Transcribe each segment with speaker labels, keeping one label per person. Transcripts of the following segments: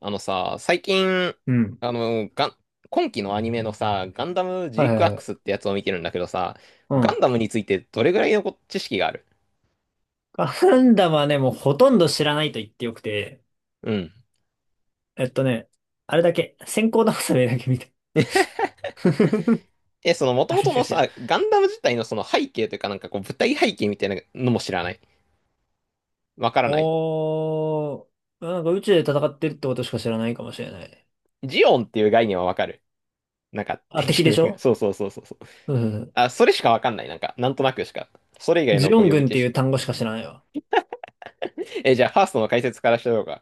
Speaker 1: あのさ、最近、
Speaker 2: うん。
Speaker 1: あの、ガン、今期のアニメのさ、ガンダムジ
Speaker 2: は
Speaker 1: ー
Speaker 2: い
Speaker 1: ク
Speaker 2: は
Speaker 1: ア
Speaker 2: いは
Speaker 1: ク
Speaker 2: い。
Speaker 1: スってやつを見てるんだけどさ、
Speaker 2: う
Speaker 1: ガ
Speaker 2: ん。
Speaker 1: ンダムについてどれぐらいの知識がある？
Speaker 2: ガンダムはね、もうほとんど知らないと言ってよくて、
Speaker 1: うん。
Speaker 2: えっとね、あれだけ、先行倒されだけ見た。
Speaker 1: え、その元
Speaker 2: あれ
Speaker 1: 々
Speaker 2: しか
Speaker 1: の
Speaker 2: 知らな
Speaker 1: さ、
Speaker 2: い。
Speaker 1: ガンダム自体のその背景というかなんかこう舞台背景みたいなのも知らない？わからない？
Speaker 2: おー、なんか宇宙で戦ってるってことしか知らないかもしれない。
Speaker 1: ジオンっていう概念はわかる？なんか
Speaker 2: あ、
Speaker 1: 敵
Speaker 2: 敵で
Speaker 1: の、
Speaker 2: し ょ？
Speaker 1: そうそうそうそうそう。
Speaker 2: うん。
Speaker 1: あ、それしかわかんない。なんか、なんとなくしか。それ以外の
Speaker 2: ジオ
Speaker 1: こう
Speaker 2: ン
Speaker 1: 予備
Speaker 2: 軍っ
Speaker 1: 知
Speaker 2: ていう
Speaker 1: 識とか。
Speaker 2: 単語しか知らないわ。
Speaker 1: え、じゃあファーストの解説からしてようか。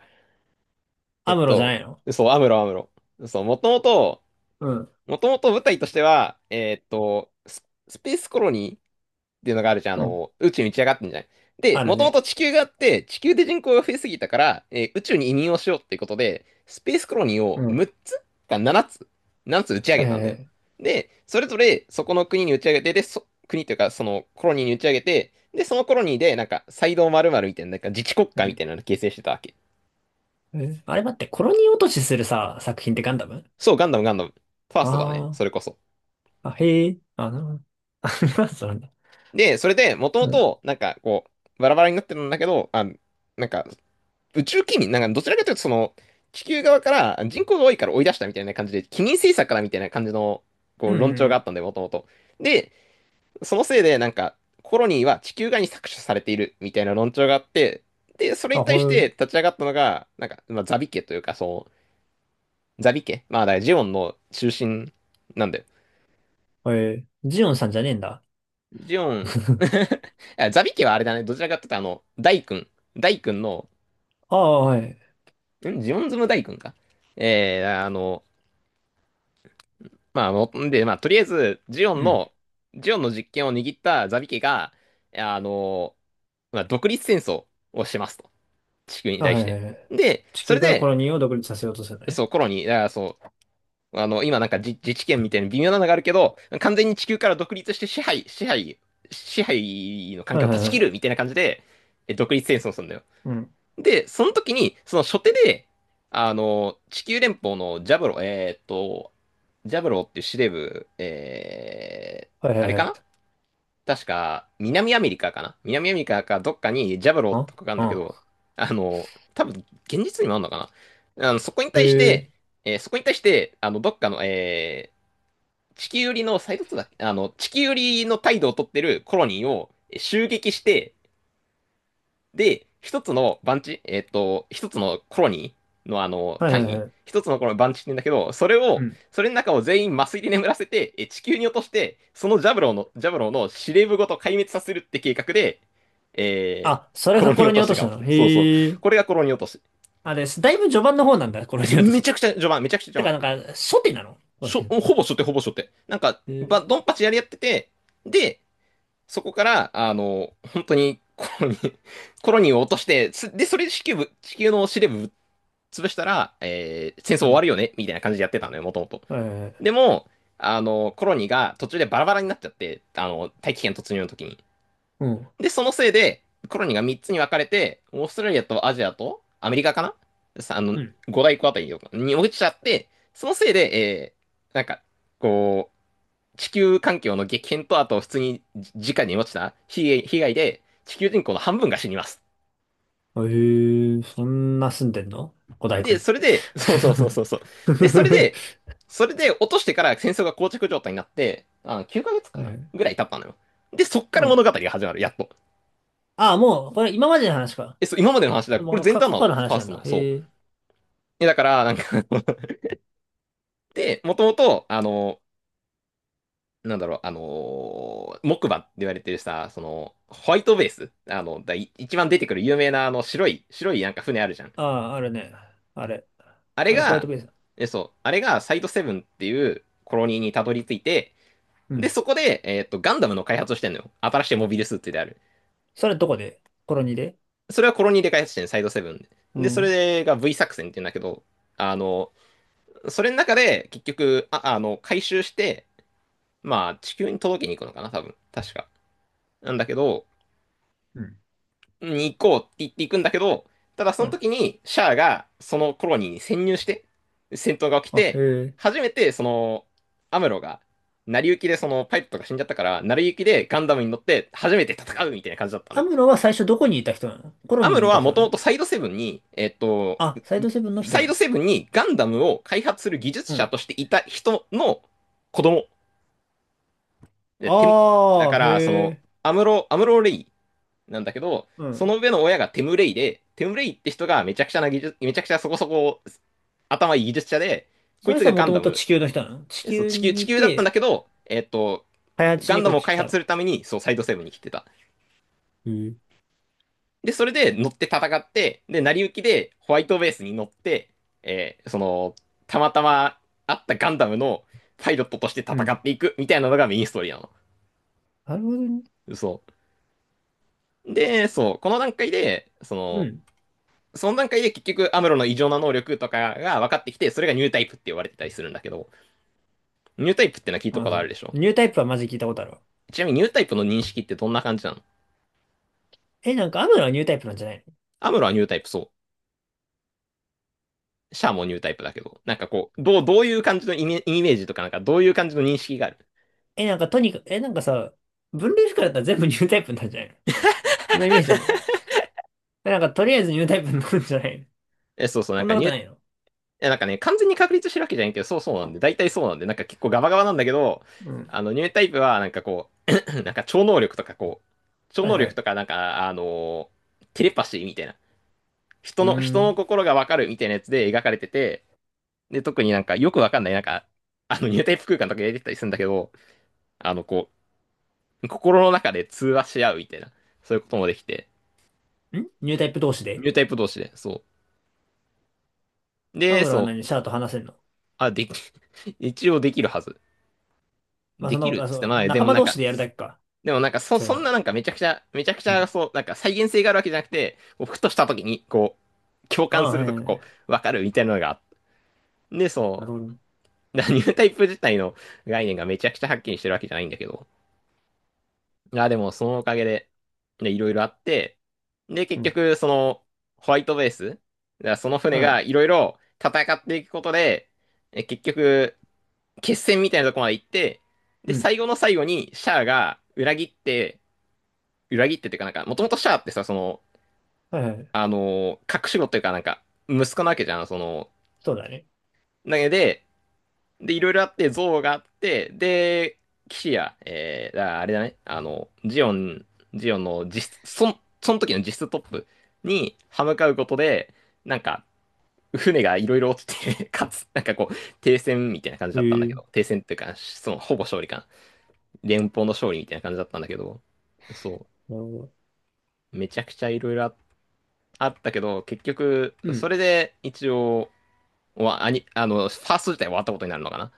Speaker 1: え
Speaker 2: ア
Speaker 1: っ
Speaker 2: ムロじゃな
Speaker 1: と、
Speaker 2: いの？
Speaker 1: そう、アムロアムロ。そう、もともと、
Speaker 2: うん。
Speaker 1: もともと舞台としては、スペースコロニーっていうのがあるじゃん。
Speaker 2: うん。
Speaker 1: 宇宙に打ち上がってんじゃない？で、
Speaker 2: ある
Speaker 1: もともと
Speaker 2: ね。
Speaker 1: 地球があって、地球で人口が増えすぎたから、宇宙に移民をしようっていうことで、スペースコロニー
Speaker 2: う
Speaker 1: を
Speaker 2: ん。
Speaker 1: 6つか7つ 打ち上げたんだよ。
Speaker 2: え
Speaker 1: で、それぞれそこの国に打ち上げて、で、国というかそのコロニーに打ち上げて、で、そのコロニーでなんか、サイド〇〇みたいな、なんか自治国
Speaker 2: ー、
Speaker 1: 家
Speaker 2: う
Speaker 1: みたい
Speaker 2: ん。
Speaker 1: なのを形成してたわけ。
Speaker 2: え、あれ待って、コロニー落としするさ、作品ってガンダム？
Speaker 1: そう、ガンダムガンダム。ファーストだね。そ
Speaker 2: あ
Speaker 1: れこそ。
Speaker 2: ー、あ、へえ、あ、そうなんだ。
Speaker 1: で、それで、もと
Speaker 2: う
Speaker 1: も
Speaker 2: ん。
Speaker 1: と、なんか、こう、バラバラになってるんだけど、あ、なんか、宇宙機民、なんか、どちらかというと、その、地球側から人口が多いから追い出したみたいな感じで、機民政策からみたいな感じの、こ
Speaker 2: う
Speaker 1: う、論調が
Speaker 2: ん。
Speaker 1: あったんで、もともと。で、そのせいで、なんか、コロニーは地球側に搾取されているみたいな論調があって、で、それ
Speaker 2: あ、
Speaker 1: に
Speaker 2: ほ
Speaker 1: 対して
Speaker 2: ん、
Speaker 1: 立ち上がったのが、なんか、まあ、ザビ家というか、そう、ザビ家、まあ、だからジオンの中心なんで、
Speaker 2: えー、ジオンさんじゃねえんだ。
Speaker 1: ジオン。あ、ザビ家はあれだね。どちらかって言ったら、大君。大君の、
Speaker 2: ああ、はい。
Speaker 1: ジオンズム大君か。えー、あの、まあ、もんで、まあ、とりあえず、ジオン
Speaker 2: うん。
Speaker 1: の、ジオンの実権を握ったザビ家が、あの、まあ、独立戦争をしますと。地球に
Speaker 2: あ、は
Speaker 1: 対
Speaker 2: い
Speaker 1: し
Speaker 2: は
Speaker 1: て。
Speaker 2: いはい。
Speaker 1: で、
Speaker 2: 地
Speaker 1: そ
Speaker 2: 球
Speaker 1: れ
Speaker 2: からコ
Speaker 1: で、
Speaker 2: ロニーを独立させようとするのね。
Speaker 1: そう、コロニー、だからそう、今なんか自治権みたいな微妙なのがあるけど、完全に地球から独立して支配の環
Speaker 2: はい
Speaker 1: 境を断
Speaker 2: はい
Speaker 1: ち
Speaker 2: は
Speaker 1: 切
Speaker 2: い。
Speaker 1: るみたいな感じで、独立戦争をするんだよ。
Speaker 2: うん。
Speaker 1: で、その時に、その初手で、地球連邦のジャブロっていう司令部、
Speaker 2: はい
Speaker 1: あ
Speaker 2: は
Speaker 1: れ
Speaker 2: いは
Speaker 1: か
Speaker 2: い。
Speaker 1: な？確か、南アメリカかどっかにジャブロ
Speaker 2: あ、
Speaker 1: とかがあるんだけど、
Speaker 2: う
Speaker 1: 多分、現実にもあるのかな？
Speaker 2: ん。へえ。
Speaker 1: そこに対して、どっかの、地球寄りの、サイドツーだっけ？地球寄りの態度をとってるコロニーを襲撃して、で、一つの番地、一つのコロニーのあの
Speaker 2: はいは
Speaker 1: 単
Speaker 2: い
Speaker 1: 位、
Speaker 2: はい。
Speaker 1: 一つのこの番地って言うんだけど、
Speaker 2: うん。
Speaker 1: それの中を全員麻酔で眠らせて、地球に落として、そのジャブローの司令部ごと壊滅させるって計画で、え
Speaker 2: あ、それ
Speaker 1: コロ
Speaker 2: が
Speaker 1: ニー
Speaker 2: コロ
Speaker 1: 落
Speaker 2: ニ
Speaker 1: と
Speaker 2: ー落
Speaker 1: し
Speaker 2: とし
Speaker 1: が
Speaker 2: な
Speaker 1: 起き
Speaker 2: の。
Speaker 1: た。そうそう。
Speaker 2: へえ。
Speaker 1: これがコロニー落とし。
Speaker 2: あ、ですだいぶ序盤の方なんだ、コロニー落と
Speaker 1: め
Speaker 2: し。
Speaker 1: ちゃくちゃ序盤、めちゃくちゃ序
Speaker 2: てか、
Speaker 1: 盤。
Speaker 2: 初手なの。コロ
Speaker 1: し
Speaker 2: ニー
Speaker 1: ょ
Speaker 2: 落と
Speaker 1: ほぼしょってほぼしょってなんか、
Speaker 2: し？へえ。
Speaker 1: ドンパチやり合ってて、で、そこから、本当に、コロニーを落として、それで地球の司令部ぶっ潰したら、戦争
Speaker 2: う
Speaker 1: 終わ
Speaker 2: ん。
Speaker 1: るよねみたいな感じでやってたのよ、もともと。
Speaker 2: はいはいはい。
Speaker 1: でも、コロニーが途中でバラバラになっちゃって、大気圏突入の時に。
Speaker 2: うん。
Speaker 1: で、そのせいで、コロニーが3つに分かれて、オーストラリアとアジアとアメリカかな？
Speaker 2: うん。
Speaker 1: 五大湖あたりに落ちちゃって、そのせいで、なんか、こう、地球環境の激変と、あと普通に直に落ちた被害で、地球人口の半分が死にます。
Speaker 2: へえ、そんな住んでんの五大湖
Speaker 1: で、
Speaker 2: に？
Speaker 1: それ で、そうそうそうそうそう。で、それで、
Speaker 2: は
Speaker 1: それで落としてから戦争が膠着状態になって、9ヶ月かげ
Speaker 2: い
Speaker 1: つか
Speaker 2: は
Speaker 1: な
Speaker 2: い。
Speaker 1: ぐらい経ったのよ。で、そっか
Speaker 2: う
Speaker 1: ら
Speaker 2: ん。
Speaker 1: 物語が始まる、やっと。
Speaker 2: ああ、もう、これ今までの話か。
Speaker 1: え、そう、今までの話だから、これ
Speaker 2: もう、
Speaker 1: 前
Speaker 2: か、
Speaker 1: 段
Speaker 2: 過
Speaker 1: な
Speaker 2: 去
Speaker 1: の、
Speaker 2: の
Speaker 1: フ
Speaker 2: 話
Speaker 1: ァー
Speaker 2: な
Speaker 1: ス
Speaker 2: ん
Speaker 1: ト
Speaker 2: だ。
Speaker 1: の、そ
Speaker 2: へ
Speaker 1: う。
Speaker 2: え。
Speaker 1: え、だから、なんか で、もともと、なんだろう、あのー木馬って言われてるさ、その、ホワイトベース、一番出てくる有名なあの白いなんか船あるじゃん。
Speaker 2: ああ、あれね。あれ。
Speaker 1: あれ
Speaker 2: あれ、ホワイト
Speaker 1: が、
Speaker 2: ベース。
Speaker 1: そう、あれがサイドセブンっていうコロニーにたどり着いて、
Speaker 2: う
Speaker 1: で、
Speaker 2: ん。
Speaker 1: そこで、ガンダムの開発をしてんのよ。新しいモビルスーツである。
Speaker 2: それどこでコロニーで？
Speaker 1: それはコロニーで開発してんの？サイドセブンで。
Speaker 2: う
Speaker 1: で、そ
Speaker 2: ん。
Speaker 1: れが V 作戦って言うんだけど、あの、それの中で、結局、回収して、まあ、地球に届けに行くのかな、多分。確か。なんだけど、
Speaker 2: うん。
Speaker 1: に行こうって言って行くんだけど、ただそ
Speaker 2: う
Speaker 1: の
Speaker 2: ん。
Speaker 1: 時に、シャアが、そのコロニーに潜入して、戦闘が起き
Speaker 2: あ、へ
Speaker 1: て、
Speaker 2: え。
Speaker 1: 初めて、その、アムロが、成り行きでそのパイプとか死んじゃったから、成り行きでガンダムに乗って初めて戦うみたいな感じだったの
Speaker 2: ア
Speaker 1: よ。
Speaker 2: ムロは最初どこにいた人なの？コロ
Speaker 1: ア
Speaker 2: ニー
Speaker 1: ム
Speaker 2: に
Speaker 1: ロ
Speaker 2: いた
Speaker 1: はも
Speaker 2: 人
Speaker 1: と
Speaker 2: な
Speaker 1: も
Speaker 2: の？
Speaker 1: と
Speaker 2: あ、サイドセブンの人
Speaker 1: サ
Speaker 2: な
Speaker 1: イド
Speaker 2: の？
Speaker 1: セブンにガンダムを開発する技術
Speaker 2: う
Speaker 1: 者
Speaker 2: ん。
Speaker 1: としていた人の子供。でだ
Speaker 2: あ
Speaker 1: か
Speaker 2: あ、
Speaker 1: ら、そ
Speaker 2: へ
Speaker 1: の、
Speaker 2: え。
Speaker 1: アムロレイなんだけど、
Speaker 2: う
Speaker 1: そ
Speaker 2: ん。
Speaker 1: の上の親がテムレイで、テムレイって人がめちゃくちゃそこそこ頭いい技術者で、こ
Speaker 2: そ
Speaker 1: い
Speaker 2: の
Speaker 1: つ
Speaker 2: 人
Speaker 1: が
Speaker 2: はも
Speaker 1: ガ
Speaker 2: と
Speaker 1: ン
Speaker 2: も
Speaker 1: ダ
Speaker 2: と
Speaker 1: ム、
Speaker 2: 地球の人なの？地
Speaker 1: そう
Speaker 2: 球
Speaker 1: 地球、
Speaker 2: に
Speaker 1: 地
Speaker 2: い
Speaker 1: 球だったん
Speaker 2: て、
Speaker 1: だけど、
Speaker 2: 開発し
Speaker 1: ガ
Speaker 2: に
Speaker 1: ンダ
Speaker 2: こっ
Speaker 1: ムを
Speaker 2: ち来
Speaker 1: 開
Speaker 2: た
Speaker 1: 発
Speaker 2: の。
Speaker 1: するために、そう、サイドセブンに来てた。
Speaker 2: へえ。
Speaker 1: で、それで乗って戦って、で、成り行きでホワイトベースに乗って、その、たまたま会ったガンダムのパイロットとして
Speaker 2: う
Speaker 1: 戦っ
Speaker 2: ん。
Speaker 1: ていくみたいなのがメインストーリーなの。
Speaker 2: なるほどね。
Speaker 1: そう。で、そう、この段階で、そ
Speaker 2: う
Speaker 1: の、
Speaker 2: ん。
Speaker 1: その段階で結局アムロの異常な能力とかが分かってきて、それがニュータイプって言われてたりするんだけど、ニュータイプってのは聞いたことあ
Speaker 2: あ、
Speaker 1: るでしょ？
Speaker 2: ニュータイプはマジ聞いたことあるわ。
Speaker 1: ちなみにニュータイプの認識ってどんな感じなの？
Speaker 2: え、なんかアムロはニュータイプなんじゃないの？
Speaker 1: アムロはニュータイプ、そう。シャアもニュータイプだけど、なんかこう、どういう感じのイメージとか、なんかどういう感じの認識がある？
Speaker 2: え、なんかとにかく、え、なんかさ、分類不可だったら全部ニュータイプになるんじゃないの？そんなイメージなんだけど。え、なんかとりあえずニュータイプになるんじゃないの？
Speaker 1: え、そうそう、な
Speaker 2: そ
Speaker 1: ん
Speaker 2: ん
Speaker 1: か
Speaker 2: なこ
Speaker 1: ニュ
Speaker 2: と
Speaker 1: ー
Speaker 2: ないの？
Speaker 1: や、なんかね、完全に確立してるわけじゃないけど、そうそうなんで、大体そうなんで、なんか結構ガバガバなんだけど、
Speaker 2: うん。
Speaker 1: あの、ニュータイプは、なんかこう、超
Speaker 2: はい
Speaker 1: 能
Speaker 2: は
Speaker 1: 力
Speaker 2: い。
Speaker 1: とか、なんか、テレパシーみたいな、
Speaker 2: うーん。
Speaker 1: 人の
Speaker 2: ん。
Speaker 1: 心がわかるみたいなやつで描かれてて、で、特になんかよくわかんない、なんか、あの、ニュータイプ空間とか入れてたりするんだけど、あの、こう、心の中で通話し合うみたいな、そういうこともできて、
Speaker 2: ニュータイプ同士
Speaker 1: ニ
Speaker 2: で？
Speaker 1: ュータイプ同士で、そう。
Speaker 2: ア
Speaker 1: で、
Speaker 2: ムロは
Speaker 1: そう、
Speaker 2: 何？シャアと話せんの？
Speaker 1: あ、でき、一応できるはず。
Speaker 2: まあ
Speaker 1: で
Speaker 2: そんな
Speaker 1: き
Speaker 2: こ
Speaker 1: る
Speaker 2: と、
Speaker 1: っ
Speaker 2: あ、
Speaker 1: つって
Speaker 2: そう、
Speaker 1: もない。で
Speaker 2: 仲
Speaker 1: も
Speaker 2: 間
Speaker 1: なん
Speaker 2: 同
Speaker 1: か、
Speaker 2: 士でやるだけか。そういう
Speaker 1: そ
Speaker 2: の
Speaker 1: んなな
Speaker 2: は。
Speaker 1: んかめちゃくちゃ、めちゃくち
Speaker 2: う
Speaker 1: ゃ
Speaker 2: ん。
Speaker 1: そう、なんか再現性があるわけじゃなくて、こうふとした時にこう、共
Speaker 2: あ
Speaker 1: 感
Speaker 2: あ、
Speaker 1: す
Speaker 2: は
Speaker 1: る
Speaker 2: い
Speaker 1: と
Speaker 2: はい
Speaker 1: か
Speaker 2: は
Speaker 1: こ
Speaker 2: い。
Speaker 1: う、わかるみたいなのがあって、で、
Speaker 2: なる
Speaker 1: そ
Speaker 2: ほど。
Speaker 1: う、だからニュータイプ自体の概念がめちゃくちゃはっきりしてるわけじゃないんだけど、いや、でもそのおかげで、で、いろいろあって、で、
Speaker 2: う
Speaker 1: 結
Speaker 2: ん。
Speaker 1: 局、その、ホワイトベース、だからその船
Speaker 2: う
Speaker 1: が
Speaker 2: ん。
Speaker 1: いろいろ戦っていくことで、結局、決戦みたいなとこまで行って、
Speaker 2: う
Speaker 1: で、
Speaker 2: ん。
Speaker 1: 最後の最後にシャアが裏切って、裏切ってっていうか、なんか、もともとシャアってさ、その、
Speaker 2: はいはい。
Speaker 1: 隠し子っていうか、なんか、息子なわけじゃん、その、
Speaker 2: そうだね。
Speaker 1: だけで、で、いろいろあって、憎悪があって、で、騎士や、だからあれだね、あの、ジオンの実質、その時の実質トップに歯向かうことで、なんか、船がいろいろ落ちて、かつ、なんかこう、停戦みたいな感じ
Speaker 2: へ
Speaker 1: だったんだけ
Speaker 2: え。
Speaker 1: ど、停戦っていうか、その、ほぼ勝利かな。連邦の勝利みたいな感じだったんだけど、そ
Speaker 2: なるほど。
Speaker 1: う、めちゃくちゃいろいろあったけど、結局、
Speaker 2: うん。
Speaker 1: それで一応、わアニあの、ファースト自体終わったことになるのかな。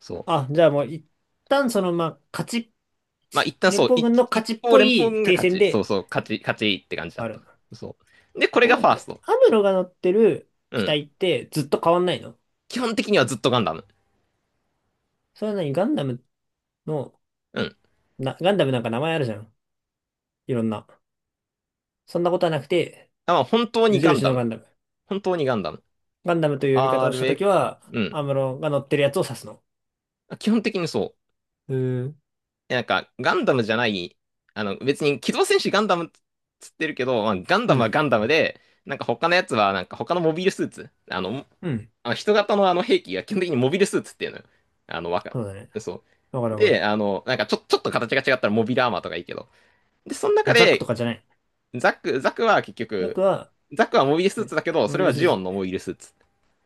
Speaker 1: そう。
Speaker 2: あ、じゃあもう一旦その、まあ、勝ち、
Speaker 1: まあ、一旦
Speaker 2: 連
Speaker 1: そう、
Speaker 2: 邦軍の
Speaker 1: 一
Speaker 2: 勝ちっ
Speaker 1: 方
Speaker 2: ぽ
Speaker 1: 連邦
Speaker 2: い
Speaker 1: 軍が
Speaker 2: 停
Speaker 1: 勝
Speaker 2: 戦
Speaker 1: ち。そう
Speaker 2: で、
Speaker 1: そう、勝ち、勝ちって感じだっ
Speaker 2: あ
Speaker 1: た。
Speaker 2: る。
Speaker 1: そう。で、これ
Speaker 2: なん
Speaker 1: が
Speaker 2: だ
Speaker 1: フ
Speaker 2: っ
Speaker 1: ァース
Speaker 2: て、
Speaker 1: ト。
Speaker 2: アムロが乗ってる
Speaker 1: う
Speaker 2: 機
Speaker 1: ん。
Speaker 2: 体ってずっと変わんないの？
Speaker 1: 基本的にはずっとガンダム。
Speaker 2: それは何ガンダムの、
Speaker 1: うん。
Speaker 2: な、ガンダムなんか名前あるじゃん。いろんな。そんなことはなくて、
Speaker 1: あ、本当
Speaker 2: 無
Speaker 1: にガン
Speaker 2: 印
Speaker 1: ダ
Speaker 2: のガ
Speaker 1: ム。
Speaker 2: ンダム。
Speaker 1: 本当にガンダム。
Speaker 2: ガンダムという呼び方をしたときは、
Speaker 1: RX、うん。
Speaker 2: アムロが乗ってるやつを指すの。
Speaker 1: 基本的にそう。
Speaker 2: うーん。
Speaker 1: なんか、ガンダムじゃない、あの、別に、機動戦士ガンダムっつってるけど、まあ、ガン
Speaker 2: う
Speaker 1: ダムは
Speaker 2: ん。
Speaker 1: ガンダムで、なんか他のやつは、なんか他のモビルスーツ、あの、
Speaker 2: うん。
Speaker 1: あの人型のあの兵器が基本的にモビルスーツっていうのよ。あの、
Speaker 2: そうだね。
Speaker 1: そ
Speaker 2: わか
Speaker 1: う。
Speaker 2: るわか
Speaker 1: で、あの、なんかちょっと形が違ったらモビルアーマーとかいいけど。で、その中
Speaker 2: る。ザックと
Speaker 1: で、
Speaker 2: かじゃない？
Speaker 1: ザクは結
Speaker 2: ザック
Speaker 1: 局、
Speaker 2: は、
Speaker 1: ザクはモビルスー
Speaker 2: ね、
Speaker 1: ツだけど、
Speaker 2: モ
Speaker 1: それ
Speaker 2: ビル
Speaker 1: は
Speaker 2: スー
Speaker 1: ジオン
Speaker 2: ツ。
Speaker 1: のモビルスーツ。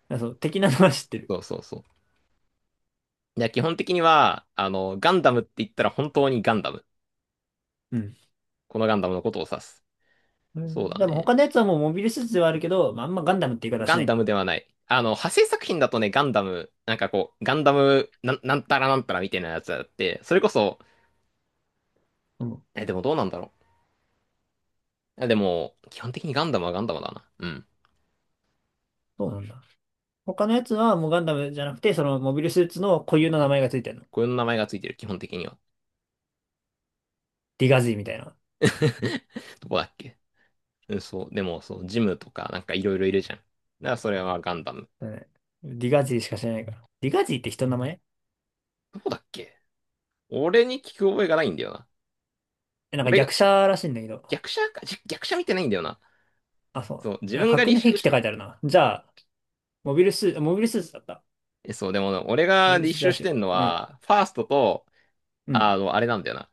Speaker 2: あ、そう、的なのは知ってる。
Speaker 1: そうそうそう。いや、基本的には、あの、ガンダムって言ったら本当にガンダム。
Speaker 2: うん。
Speaker 1: このガンダムのことを指す。
Speaker 2: う
Speaker 1: そう
Speaker 2: ん。
Speaker 1: だ
Speaker 2: でも
Speaker 1: ね。
Speaker 2: 他のやつはもうモビルスーツではあるけど、まあ、あんまガンダムって言い方は
Speaker 1: ガ
Speaker 2: しな
Speaker 1: ン
Speaker 2: いん
Speaker 1: ダム
Speaker 2: だ。
Speaker 1: ではない。あの、派生作品だとね、ガンダム、なんかこう、ガンダムなんたらなんたらみたいなやつだって、それこそ、
Speaker 2: うん。
Speaker 1: え、でもどうなんだろう。え、でも、基本的にガンダムはガンダムだな。うん。
Speaker 2: そうなんだ。他のやつはもうガンダムじゃなくて、そのモビルスーツの固有の名前がついてるの。
Speaker 1: こういう名前がついてる、基本的には。
Speaker 2: ディガジーみたいな。
Speaker 1: どこだっけ？うん、そう。でも、そう、ジムとか、なんかいろいろいるじゃん。だからそれはガンダム。
Speaker 2: だね。ディガジーしか知らないから。ディガジーって人の名前？
Speaker 1: どこだっけ？俺に聞く覚えがないんだよな。
Speaker 2: え、なんか
Speaker 1: 俺が、
Speaker 2: 逆者らしいんだけど。
Speaker 1: 逆者か、逆者見てないんだよな。
Speaker 2: あ、そ
Speaker 1: そう、
Speaker 2: う。
Speaker 1: 自
Speaker 2: なんか
Speaker 1: 分が
Speaker 2: 格
Speaker 1: 履
Speaker 2: の兵
Speaker 1: 修
Speaker 2: 器っ
Speaker 1: し、
Speaker 2: て書いてあるな。じゃあ、モビルスーツだった。
Speaker 1: そう、でも、俺
Speaker 2: モ
Speaker 1: が
Speaker 2: ビル
Speaker 1: 履
Speaker 2: スーツ
Speaker 1: 修
Speaker 2: ら
Speaker 1: し
Speaker 2: しい
Speaker 1: て
Speaker 2: わ。
Speaker 1: んの
Speaker 2: うん。
Speaker 1: は、ファーストと、
Speaker 2: う
Speaker 1: あ
Speaker 2: ん。
Speaker 1: の、あれなんだよな。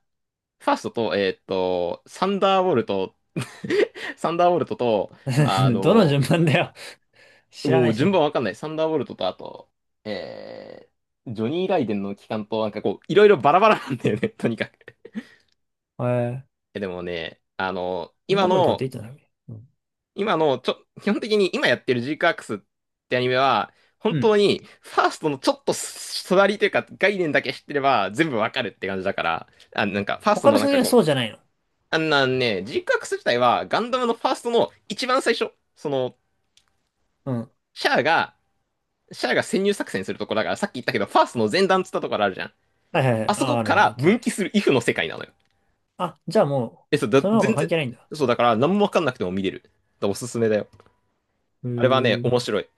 Speaker 1: ファーストと、サンダーボルト、サンダーボルトと、あ
Speaker 2: どの
Speaker 1: の、
Speaker 2: 順番だよ。知ら
Speaker 1: も
Speaker 2: な
Speaker 1: う
Speaker 2: いし
Speaker 1: 順番
Speaker 2: ね。
Speaker 1: わかんない。サンダーボルトと、あと、えジョニー・ライデンの期間と、なんかこう、いろいろバラバラなんだよね、とにかく。
Speaker 2: えー、
Speaker 1: でもね、あの、
Speaker 2: サン
Speaker 1: 今
Speaker 2: ダーボルトって
Speaker 1: の、
Speaker 2: いつない？うん。
Speaker 1: 今の、ちょ、基本的に今やってるジークアクスってアニメは、本
Speaker 2: うん。
Speaker 1: 当に、ファーストのちょっと隣というか、概念だけ知ってれば、全部わかるって感じだから、あ、なんか、ファースト
Speaker 2: 他
Speaker 1: の
Speaker 2: の
Speaker 1: なん
Speaker 2: 作
Speaker 1: か
Speaker 2: 品は
Speaker 1: こ
Speaker 2: そ
Speaker 1: う、
Speaker 2: うじゃないの？
Speaker 1: あんなんね、ジークアクス自体はガンダムのファーストの一番最初、その、
Speaker 2: うん。
Speaker 1: シャアが、シャアが潜入作戦するところだから、さっき言ったけど、ファーストの前段っつったところあるじゃん。
Speaker 2: はいはいはい。
Speaker 1: あそ
Speaker 2: あ、
Speaker 1: こ
Speaker 2: ある
Speaker 1: か
Speaker 2: ね。
Speaker 1: ら
Speaker 2: いつだ
Speaker 1: 分
Speaker 2: ね。
Speaker 1: 岐するイフの世界なのよ。
Speaker 2: あ、じゃあも
Speaker 1: え、そう、
Speaker 2: う、
Speaker 1: だ、
Speaker 2: その方が
Speaker 1: 全
Speaker 2: 関
Speaker 1: 然、
Speaker 2: 係ないんだ。
Speaker 1: そう、だから何もわかんなくても見れる。だからおすすめだよ。
Speaker 2: へ
Speaker 1: あれはね、
Speaker 2: ー。
Speaker 1: 面白い。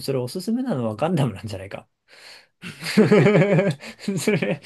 Speaker 2: それおすすめなのはガンダムなんじゃないか。それ